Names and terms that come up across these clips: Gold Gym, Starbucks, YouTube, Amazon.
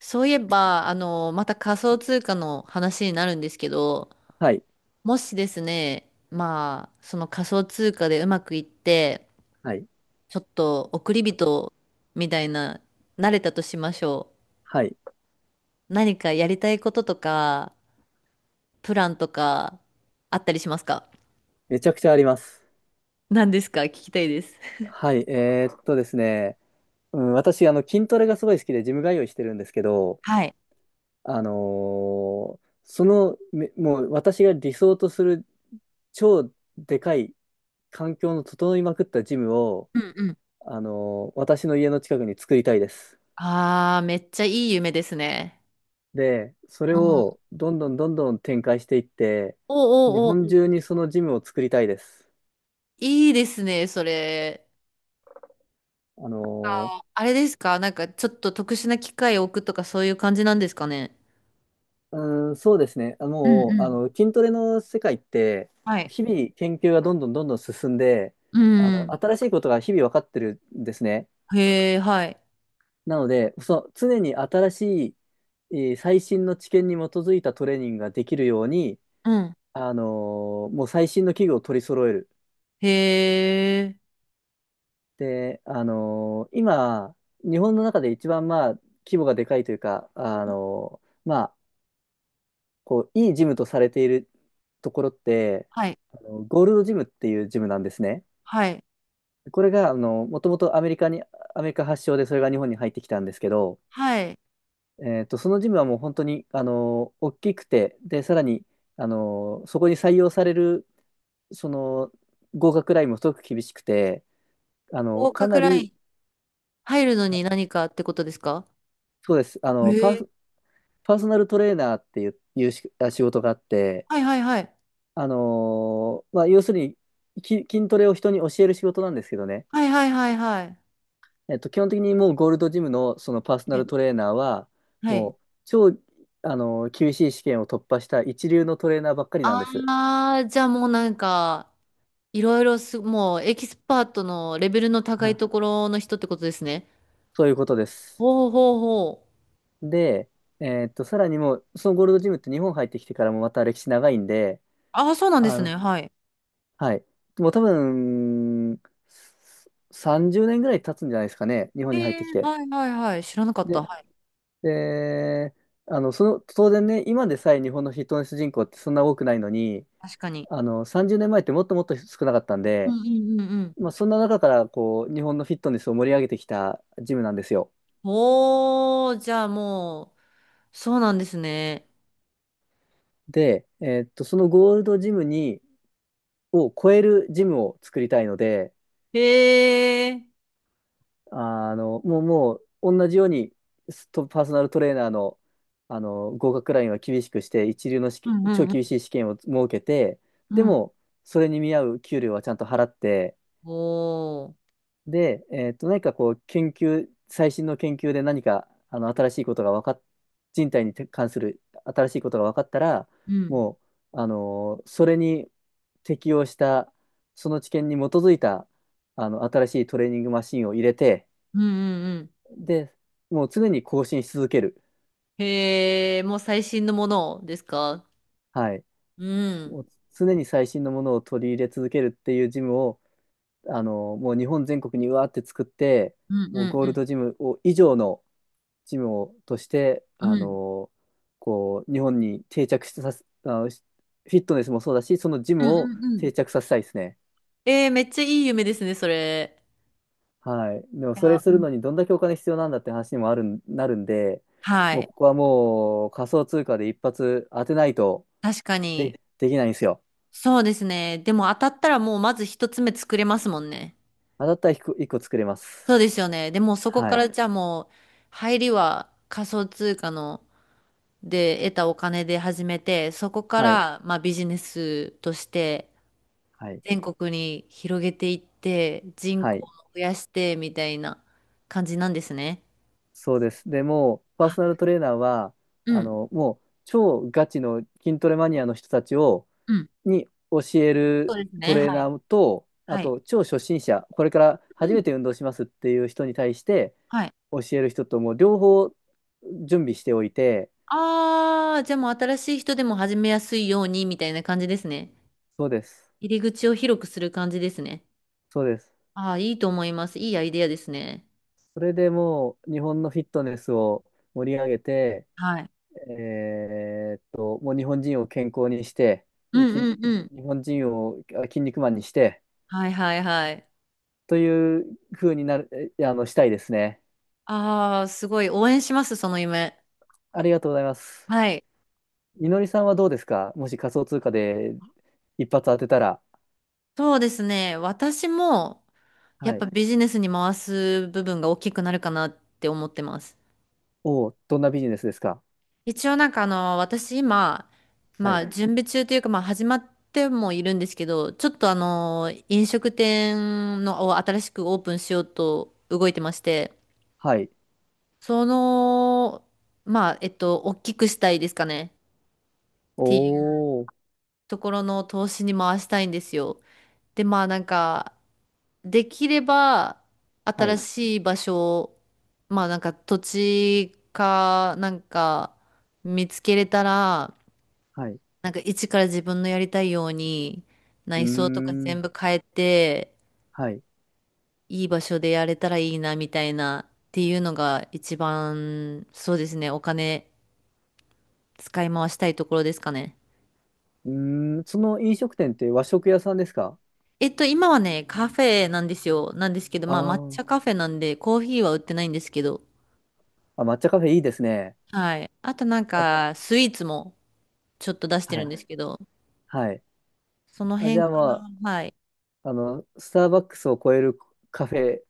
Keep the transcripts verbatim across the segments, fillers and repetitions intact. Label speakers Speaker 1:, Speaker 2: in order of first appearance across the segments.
Speaker 1: そういえば、あの、また仮想通貨の話になるんですけど、
Speaker 2: はい、
Speaker 1: もしですね、まあ、その仮想通貨でうまくいって、
Speaker 2: はい、
Speaker 1: ちょっと億り人みたいな、慣れたとしましょ
Speaker 2: はい。
Speaker 1: う。何かやりたいこととか、プランとか、あったりしますか？
Speaker 2: めちゃくちゃあります。
Speaker 1: 何ですか？聞きたいです。
Speaker 2: はい、えーっとですね、うん、私、あの、筋トレがすごい好きで、ジム通いしてるんですけど、
Speaker 1: はい。
Speaker 2: あのーその、めもう私が理想とする超でかい環境の整いまくったジムを、
Speaker 1: うんうん。
Speaker 2: あのー私の家の近くに作りたいです。
Speaker 1: ああ、めっちゃいい夢ですね。
Speaker 2: で、それ
Speaker 1: うん。
Speaker 2: をどんどんどんどん展開していって、
Speaker 1: お
Speaker 2: 日
Speaker 1: お
Speaker 2: 本
Speaker 1: お、
Speaker 2: 中にそのジムを作りたいです。
Speaker 1: いいですね、それ。
Speaker 2: あの
Speaker 1: ああれですか？なんかちょっと特殊な機械を置くとかそういう感じなんですかね？
Speaker 2: うーん、そうですね。あ
Speaker 1: うんう
Speaker 2: もう、あ
Speaker 1: ん。
Speaker 2: の、筋トレの世界って、
Speaker 1: はい。
Speaker 2: 日々研究がどんどんどんどん進んで、
Speaker 1: う
Speaker 2: あの、
Speaker 1: ん。
Speaker 2: 新しいことが日々分かってるんですね。
Speaker 1: へえ、はい。
Speaker 2: なので、そう、常に新しい、えー最新の知見に基づいたトレーニングができるように、
Speaker 1: うん。
Speaker 2: あのーもう最新の器具を取り揃える。
Speaker 1: へえ。
Speaker 2: で、あのー今、日本の中で一番、まあ、規模がでかいというか、あのーまあ、こう、いいジムとされているところって、
Speaker 1: はい。
Speaker 2: あのゴールドジムっていうジムなんですね。
Speaker 1: はい。
Speaker 2: これが、あの、もともとアメリカに、アメリカ発祥でそれが日本に入ってきたんですけど、
Speaker 1: はい。
Speaker 2: えっと、そのジムはもう本当に、あの、大きくて、で、さらに、あの、そこに採用される、その、合格ラインもすごく厳しくて、あの、
Speaker 1: 合
Speaker 2: か
Speaker 1: 格
Speaker 2: な
Speaker 1: ライ
Speaker 2: り、
Speaker 1: ン、入るの
Speaker 2: あ
Speaker 1: に何かってことですか？
Speaker 2: そうです、あ
Speaker 1: へ
Speaker 2: の、パー
Speaker 1: え。
Speaker 2: ソ、パーソナルトレーナーっていう、いうしあ仕事があって、
Speaker 1: はいはいはい。
Speaker 2: あの、まあ、要するに、き筋トレを人に教える仕事なんですけどね、
Speaker 1: はいはいはいはい。
Speaker 2: えっと、基本的にもうゴールドジムのそのパーソナル
Speaker 1: え、
Speaker 2: トレーナーは、
Speaker 1: は
Speaker 2: も
Speaker 1: い。
Speaker 2: う超、あの、厳しい試験を突破した一流のトレーナーばっかりなんです。
Speaker 1: ああ、じゃあもうなんか、いろいろす、もうエキスパートのレベルの高
Speaker 2: は
Speaker 1: い
Speaker 2: い、
Speaker 1: ところの人ってことですね。
Speaker 2: そういうことです。
Speaker 1: ほうほうほう。
Speaker 2: で、えっと、さらにもう、そのゴールドジムって日本入ってきてからもまた歴史長いんで、
Speaker 1: ああ、そうなんで
Speaker 2: あ
Speaker 1: す
Speaker 2: の、
Speaker 1: ね。はい。
Speaker 2: はい。もう多分、さんじゅうねんぐらい経つんじゃないですかね、日本
Speaker 1: え
Speaker 2: に入っ
Speaker 1: え、
Speaker 2: てきて。
Speaker 1: はいはいはい。知らなかった。
Speaker 2: で、
Speaker 1: はい。
Speaker 2: で、あの、その、当然ね、今でさえ日本のフィットネス人口ってそんな多くないのに、
Speaker 1: 確かに。
Speaker 2: あの、さんじゅうねんまえってもっともっと少なかったん
Speaker 1: う
Speaker 2: で、
Speaker 1: んうんうんうん。
Speaker 2: まあ、そんな中からこう、日本のフィットネスを盛り上げてきたジムなんですよ。
Speaker 1: おー、じゃあもう、そうなんですね。
Speaker 2: で、えーっと、そのゴールドジムに、を超えるジムを作りたいので、
Speaker 1: へえ。
Speaker 2: あの、もう、もう、同じように、ストパーソナルトレーナーの、あの、合格ラインは厳しくして、一流の試
Speaker 1: う
Speaker 2: 験
Speaker 1: ん
Speaker 2: 超
Speaker 1: う
Speaker 2: 厳
Speaker 1: ん
Speaker 2: しい試験を設けて、
Speaker 1: う
Speaker 2: で
Speaker 1: んうん。
Speaker 2: も、それに見合う給料はちゃんと払って、
Speaker 1: おー。
Speaker 2: で、えっと、何かこう、研究、最新の研究で何か、あの、新しいことが分かっ、人体に関する新しいことが分かったら、
Speaker 1: うん。
Speaker 2: もう、あのーそれに適応した、その知見に基づいた、あの、新しいトレーニングマシンを入れて、
Speaker 1: うんうんうん。
Speaker 2: で、もう常に更新し続ける。
Speaker 1: へえ、もう最新のものですか？
Speaker 2: はい。
Speaker 1: うん。
Speaker 2: もう常に最新のものを取り入れ続けるっていうジムを、あのもう日本全国にうわーって作って、
Speaker 1: うん
Speaker 2: もう
Speaker 1: う
Speaker 2: ゴール
Speaker 1: ん
Speaker 2: ドジムを以上の、チームをとして、
Speaker 1: うん
Speaker 2: あ
Speaker 1: うん。
Speaker 2: の、こう、日本に定着してさせ、あの、しフィットネスもそうだし、そのジ
Speaker 1: うん
Speaker 2: ムを
Speaker 1: うんうん。
Speaker 2: 定着させたいですね。
Speaker 1: えー、めっちゃいい夢ですね、それ。
Speaker 2: はい。でも、
Speaker 1: い
Speaker 2: それ
Speaker 1: や、
Speaker 2: す
Speaker 1: う
Speaker 2: る
Speaker 1: ん、
Speaker 2: のにどんだけお金必要なんだって話にもあるん、なるんで、
Speaker 1: は
Speaker 2: もう
Speaker 1: い。
Speaker 2: ここはもう仮想通貨で一発当てないと
Speaker 1: 確かに。
Speaker 2: で、できないんですよ。
Speaker 1: そうですね。でも当たったらもうまず一つ目作れますもんね。
Speaker 2: 当たったら一個一個作れます。
Speaker 1: そうですよね。でもそこ
Speaker 2: は
Speaker 1: か
Speaker 2: い。
Speaker 1: らじゃあもう入りは仮想通貨ので得たお金で始めて、そこか
Speaker 2: はい。
Speaker 1: らまあビジネスとして
Speaker 2: はい。
Speaker 1: 全国に広げていって人
Speaker 2: は
Speaker 1: 口を
Speaker 2: い。
Speaker 1: 増やしてみたいな感じなんですね。
Speaker 2: そうです。でもう、パーソナ
Speaker 1: あ、
Speaker 2: ルトレーナーは、
Speaker 1: う
Speaker 2: あ
Speaker 1: ん、
Speaker 2: の、もう、超ガチの筋トレマニアの人たちを、
Speaker 1: うん。
Speaker 2: に教え
Speaker 1: そ
Speaker 2: る
Speaker 1: うです
Speaker 2: ト
Speaker 1: ね。
Speaker 2: レー
Speaker 1: はい。
Speaker 2: ナーと、あ
Speaker 1: はい。
Speaker 2: と超初心者、これから
Speaker 1: う
Speaker 2: 初め
Speaker 1: ん。
Speaker 2: て運動しますっていう人に対して
Speaker 1: はい。
Speaker 2: 教える人ともう両方準備しておいて、
Speaker 1: ああ、じゃあもう新しい人でも始めやすいようにみたいな感じですね。
Speaker 2: そうです、
Speaker 1: 入り口を広くする感じですね。
Speaker 2: そうです。
Speaker 1: ああ、いいと思います。いいアイデアですね。
Speaker 2: それでもう日本のフィットネスを盛り上げて、
Speaker 1: はい。
Speaker 2: えーっと、もう日本人を健康にして、
Speaker 1: うん
Speaker 2: き、日
Speaker 1: うんうん。
Speaker 2: 本人をあ筋肉マンにして、
Speaker 1: はいはいはい。
Speaker 2: という風になる、えあの、したいですね。
Speaker 1: ああ、すごい応援します、その夢。
Speaker 2: ありがとうございます。
Speaker 1: はい。
Speaker 2: みのりさんはどうですか？もし仮想通貨で一発当てたら。
Speaker 1: そうですね。私も、や
Speaker 2: は
Speaker 1: っ
Speaker 2: い。
Speaker 1: ぱビジネスに回す部分が大きくなるかなって思ってます。
Speaker 2: おお、どんなビジネスですか？
Speaker 1: 一応なんかあの、私今、
Speaker 2: は
Speaker 1: ま
Speaker 2: い。
Speaker 1: あ準備中というか、まあ始まってもいるんですけど、ちょっとあの、飲食店のを新しくオープンしようと動いてまして、
Speaker 2: はい。
Speaker 1: その、まあ、えっと、大きくしたいですかね。っ
Speaker 2: お
Speaker 1: ていう
Speaker 2: お、
Speaker 1: ところの投資に回したいんですよ。で、まあなんか、できれば
Speaker 2: は
Speaker 1: 新
Speaker 2: い。
Speaker 1: しい場所、まあなんか土地かなんか見つけれたら、
Speaker 2: はい。う
Speaker 1: なんか一から自分のやりたいように
Speaker 2: ー
Speaker 1: 内装とか
Speaker 2: ん。
Speaker 1: 全部変えて、
Speaker 2: はい。
Speaker 1: いい場所でやれたらいいなみたいなっていうのが一番、そうですね、お金使い回したいところですかね。
Speaker 2: うーん。その飲食店って和食屋さんですか？
Speaker 1: えっと、今はね、カフェなんですよ。なんですけど、
Speaker 2: あ
Speaker 1: まあ抹
Speaker 2: ー、
Speaker 1: 茶カフェなんでコーヒーは売ってないんですけど、
Speaker 2: あ、抹茶カフェいいですね。
Speaker 1: はい。あとなん
Speaker 2: あ、
Speaker 1: か、スイーツもちょっと出して
Speaker 2: は
Speaker 1: るん
Speaker 2: い。
Speaker 1: ですけど、
Speaker 2: はい。
Speaker 1: その
Speaker 2: あ、じ
Speaker 1: 辺
Speaker 2: ゃあ
Speaker 1: から、
Speaker 2: ま
Speaker 1: はい。
Speaker 2: あ、あの、スターバックスを超えるカフェ、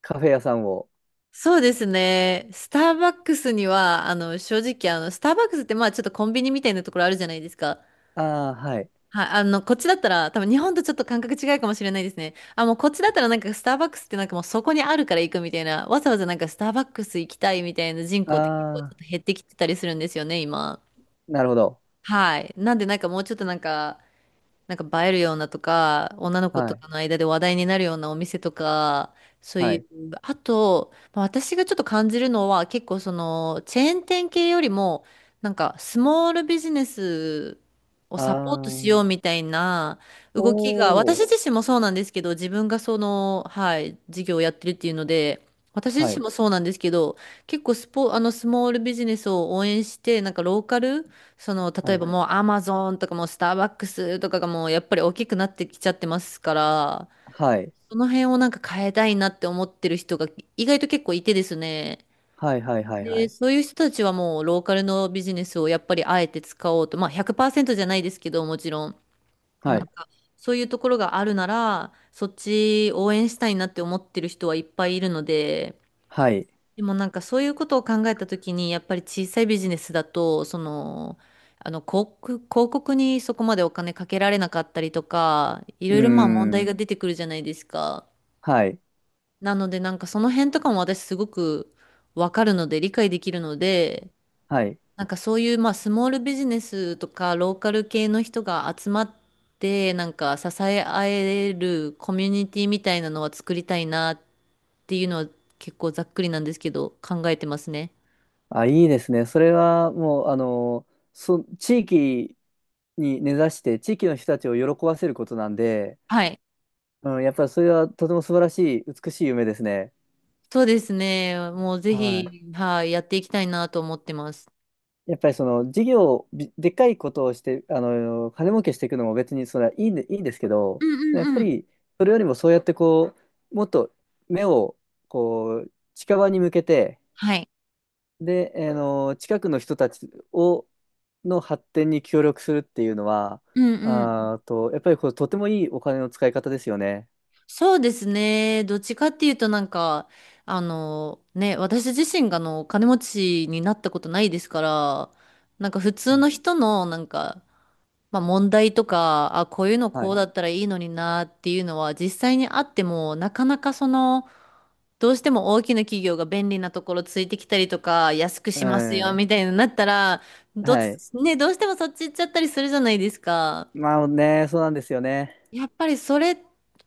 Speaker 2: カフェ屋さんを。
Speaker 1: そうですね。スターバックスには、あの、正直、あの、スターバックスって、まあ、ちょっとコンビニみたいなところあるじゃないですか。
Speaker 2: ああ、はい。
Speaker 1: はい、あの、こっちだったら、多分日本とちょっと感覚違うかもしれないですね。あ、もうこっちだったらなんかスターバックスってなんかもうそこにあるから行くみたいな、わざわざなんかスターバックス行きたいみたいな人口って結構ちょ
Speaker 2: ああ、
Speaker 1: っと減ってきてたりするんですよね、今。
Speaker 2: なるほど。
Speaker 1: はい。なんでなんかもうちょっとなんか、なんか映えるようなとか、女の子
Speaker 2: は
Speaker 1: と
Speaker 2: い。
Speaker 1: かの間で話題になるようなお店とか、そう
Speaker 2: は
Speaker 1: い
Speaker 2: い。
Speaker 1: う、あと、まあ私がちょっと感じるのは、結構その、チェーン店系よりも、なんか、スモールビジネスを
Speaker 2: あ
Speaker 1: サポートしよう
Speaker 2: あ、
Speaker 1: みたいな
Speaker 2: お
Speaker 1: 動きが、私
Speaker 2: お、
Speaker 1: 自身もそうなんですけど、自分がその、はい、事業をやってるっていうので、私
Speaker 2: は
Speaker 1: 自
Speaker 2: い。
Speaker 1: 身もそうなんですけど、結構スポ、あの、スモールビジネスを応援して、なんかローカルその、
Speaker 2: は
Speaker 1: 例え
Speaker 2: い。
Speaker 1: ばもうアマゾンとかもうスターバックスとかがもうやっぱり大きくなってきちゃってますから、
Speaker 2: はい。
Speaker 1: その辺をなんか変えたいなって思ってる人が意外と結構いてですね。
Speaker 2: はい、はい、はい、は
Speaker 1: で、
Speaker 2: い。
Speaker 1: そういう人たちはもうローカルのビジネスをやっぱりあえて使おうと、まあひゃくパーセントじゃないですけどもちろん、
Speaker 2: はい。
Speaker 1: そういうところがあるなら、そっち応援したいなって思ってる人はいっぱいいるので、
Speaker 2: はい。
Speaker 1: でもなんかそういうことを考えたときに、やっぱり小さいビジネスだと、その、あの広告、広告にそこまでお金かけられなかったりとか、い
Speaker 2: うー
Speaker 1: ろいろまあ問題が
Speaker 2: ん。
Speaker 1: 出てくるじゃないですか。
Speaker 2: はい。
Speaker 1: なのでなんかその辺とかも私すごくわかるので、理解できるので、
Speaker 2: はい。
Speaker 1: なんかそういうまあスモールビジネスとかローカル系の人が集まって、なんか支え合えるコミュニティみたいなのは作りたいなっていうのは結構ざっくりなんですけど、考えてますね。
Speaker 2: あ、いいですね。それはもう、あの、そ、地域に根ざして、地域の人たちを喜ばせることなんで、
Speaker 1: はい。
Speaker 2: うん、やっぱりそれはとても素晴らしい、美しい夢ですね。
Speaker 1: そうですね。もうぜ
Speaker 2: はい。
Speaker 1: ひ、はい、やっていきたいなと思ってます。
Speaker 2: やっぱりその事業、びでっかいことをして、あの、金儲けしていくのも別にそれはいいんで、いいんですけど、
Speaker 1: うんう
Speaker 2: やっ
Speaker 1: ん
Speaker 2: ぱ
Speaker 1: うん。
Speaker 2: りそれよりもそうやってこう、もっと目をこう、近場に向けて、
Speaker 1: はい。
Speaker 2: で、あの、近くの人たちを、の発展に協力するっていうのは、
Speaker 1: うんうん。
Speaker 2: あーと、やっぱりこれとてもいいお金の使い方ですよね。
Speaker 1: そうですね。どっちかっていうとなんか、あの、ね、私自身があの、金持ちになったことないですから、なんか普通
Speaker 2: はい。
Speaker 1: の人のなんか、まあ問題とか、あ、こういうの
Speaker 2: は
Speaker 1: こう
Speaker 2: い。
Speaker 1: だったらいいのになっていうのは実際にあっても、なかなかその、どうしても大きな企業が便利なところついてきたりとか、安く
Speaker 2: う
Speaker 1: しますよ
Speaker 2: ん。
Speaker 1: みたいになったら、どっ
Speaker 2: はい。
Speaker 1: ち、ね、どうしてもそっち行っちゃったりするじゃないですか。
Speaker 2: まあね、そうなんですよね。
Speaker 1: やっぱりそれ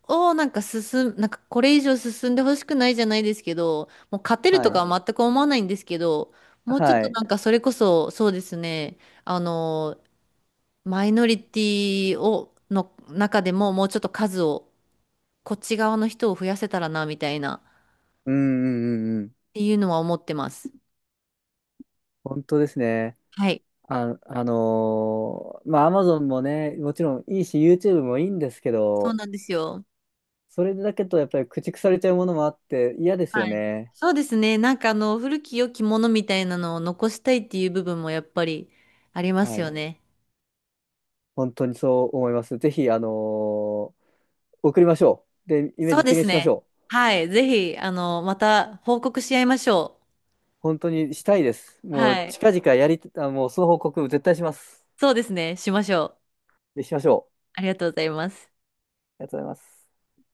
Speaker 1: をなんか進む、なんかこれ以上進んでほしくないじゃないですけど、もう勝てる
Speaker 2: は
Speaker 1: と
Speaker 2: い。
Speaker 1: かは全く思わないんですけど、もうちょっ
Speaker 2: は
Speaker 1: と
Speaker 2: い。
Speaker 1: なんかそれこそ、そうですね、あの、マイノリティを、の中でももうちょっと数を、こっち側の人を増やせたらな、みたいな、っ
Speaker 2: うんうんうんうん。
Speaker 1: ていうのは思ってます。
Speaker 2: 本当ですね。
Speaker 1: はい。
Speaker 2: あ、あのーまあ、アマゾン もね、もちろんいいし、ユーチューブ もいいんですけ
Speaker 1: そう
Speaker 2: ど、
Speaker 1: なんですよ。
Speaker 2: それだけとやっぱり駆逐されちゃうものもあって嫌ですよ
Speaker 1: はい。
Speaker 2: ね。
Speaker 1: そうですね。なんかあの、古き良きものみたいなのを残したいっていう部分もやっぱりありま
Speaker 2: は
Speaker 1: すよ
Speaker 2: い。
Speaker 1: ね。
Speaker 2: 本当にそう思います。ぜひ、あの送りましょう。で、夢
Speaker 1: そうで
Speaker 2: 実
Speaker 1: す
Speaker 2: 現しまし
Speaker 1: ね。
Speaker 2: ょう。
Speaker 1: はい。ぜひ、あの、また報告し合いましょう。
Speaker 2: 本当にしたいです。もう
Speaker 1: はい。
Speaker 2: 近々やり、あ、もうその報告絶対します。
Speaker 1: そうですね。しましょう。
Speaker 2: で、しましょう。
Speaker 1: ありがとうございます。
Speaker 2: ありがとうございます。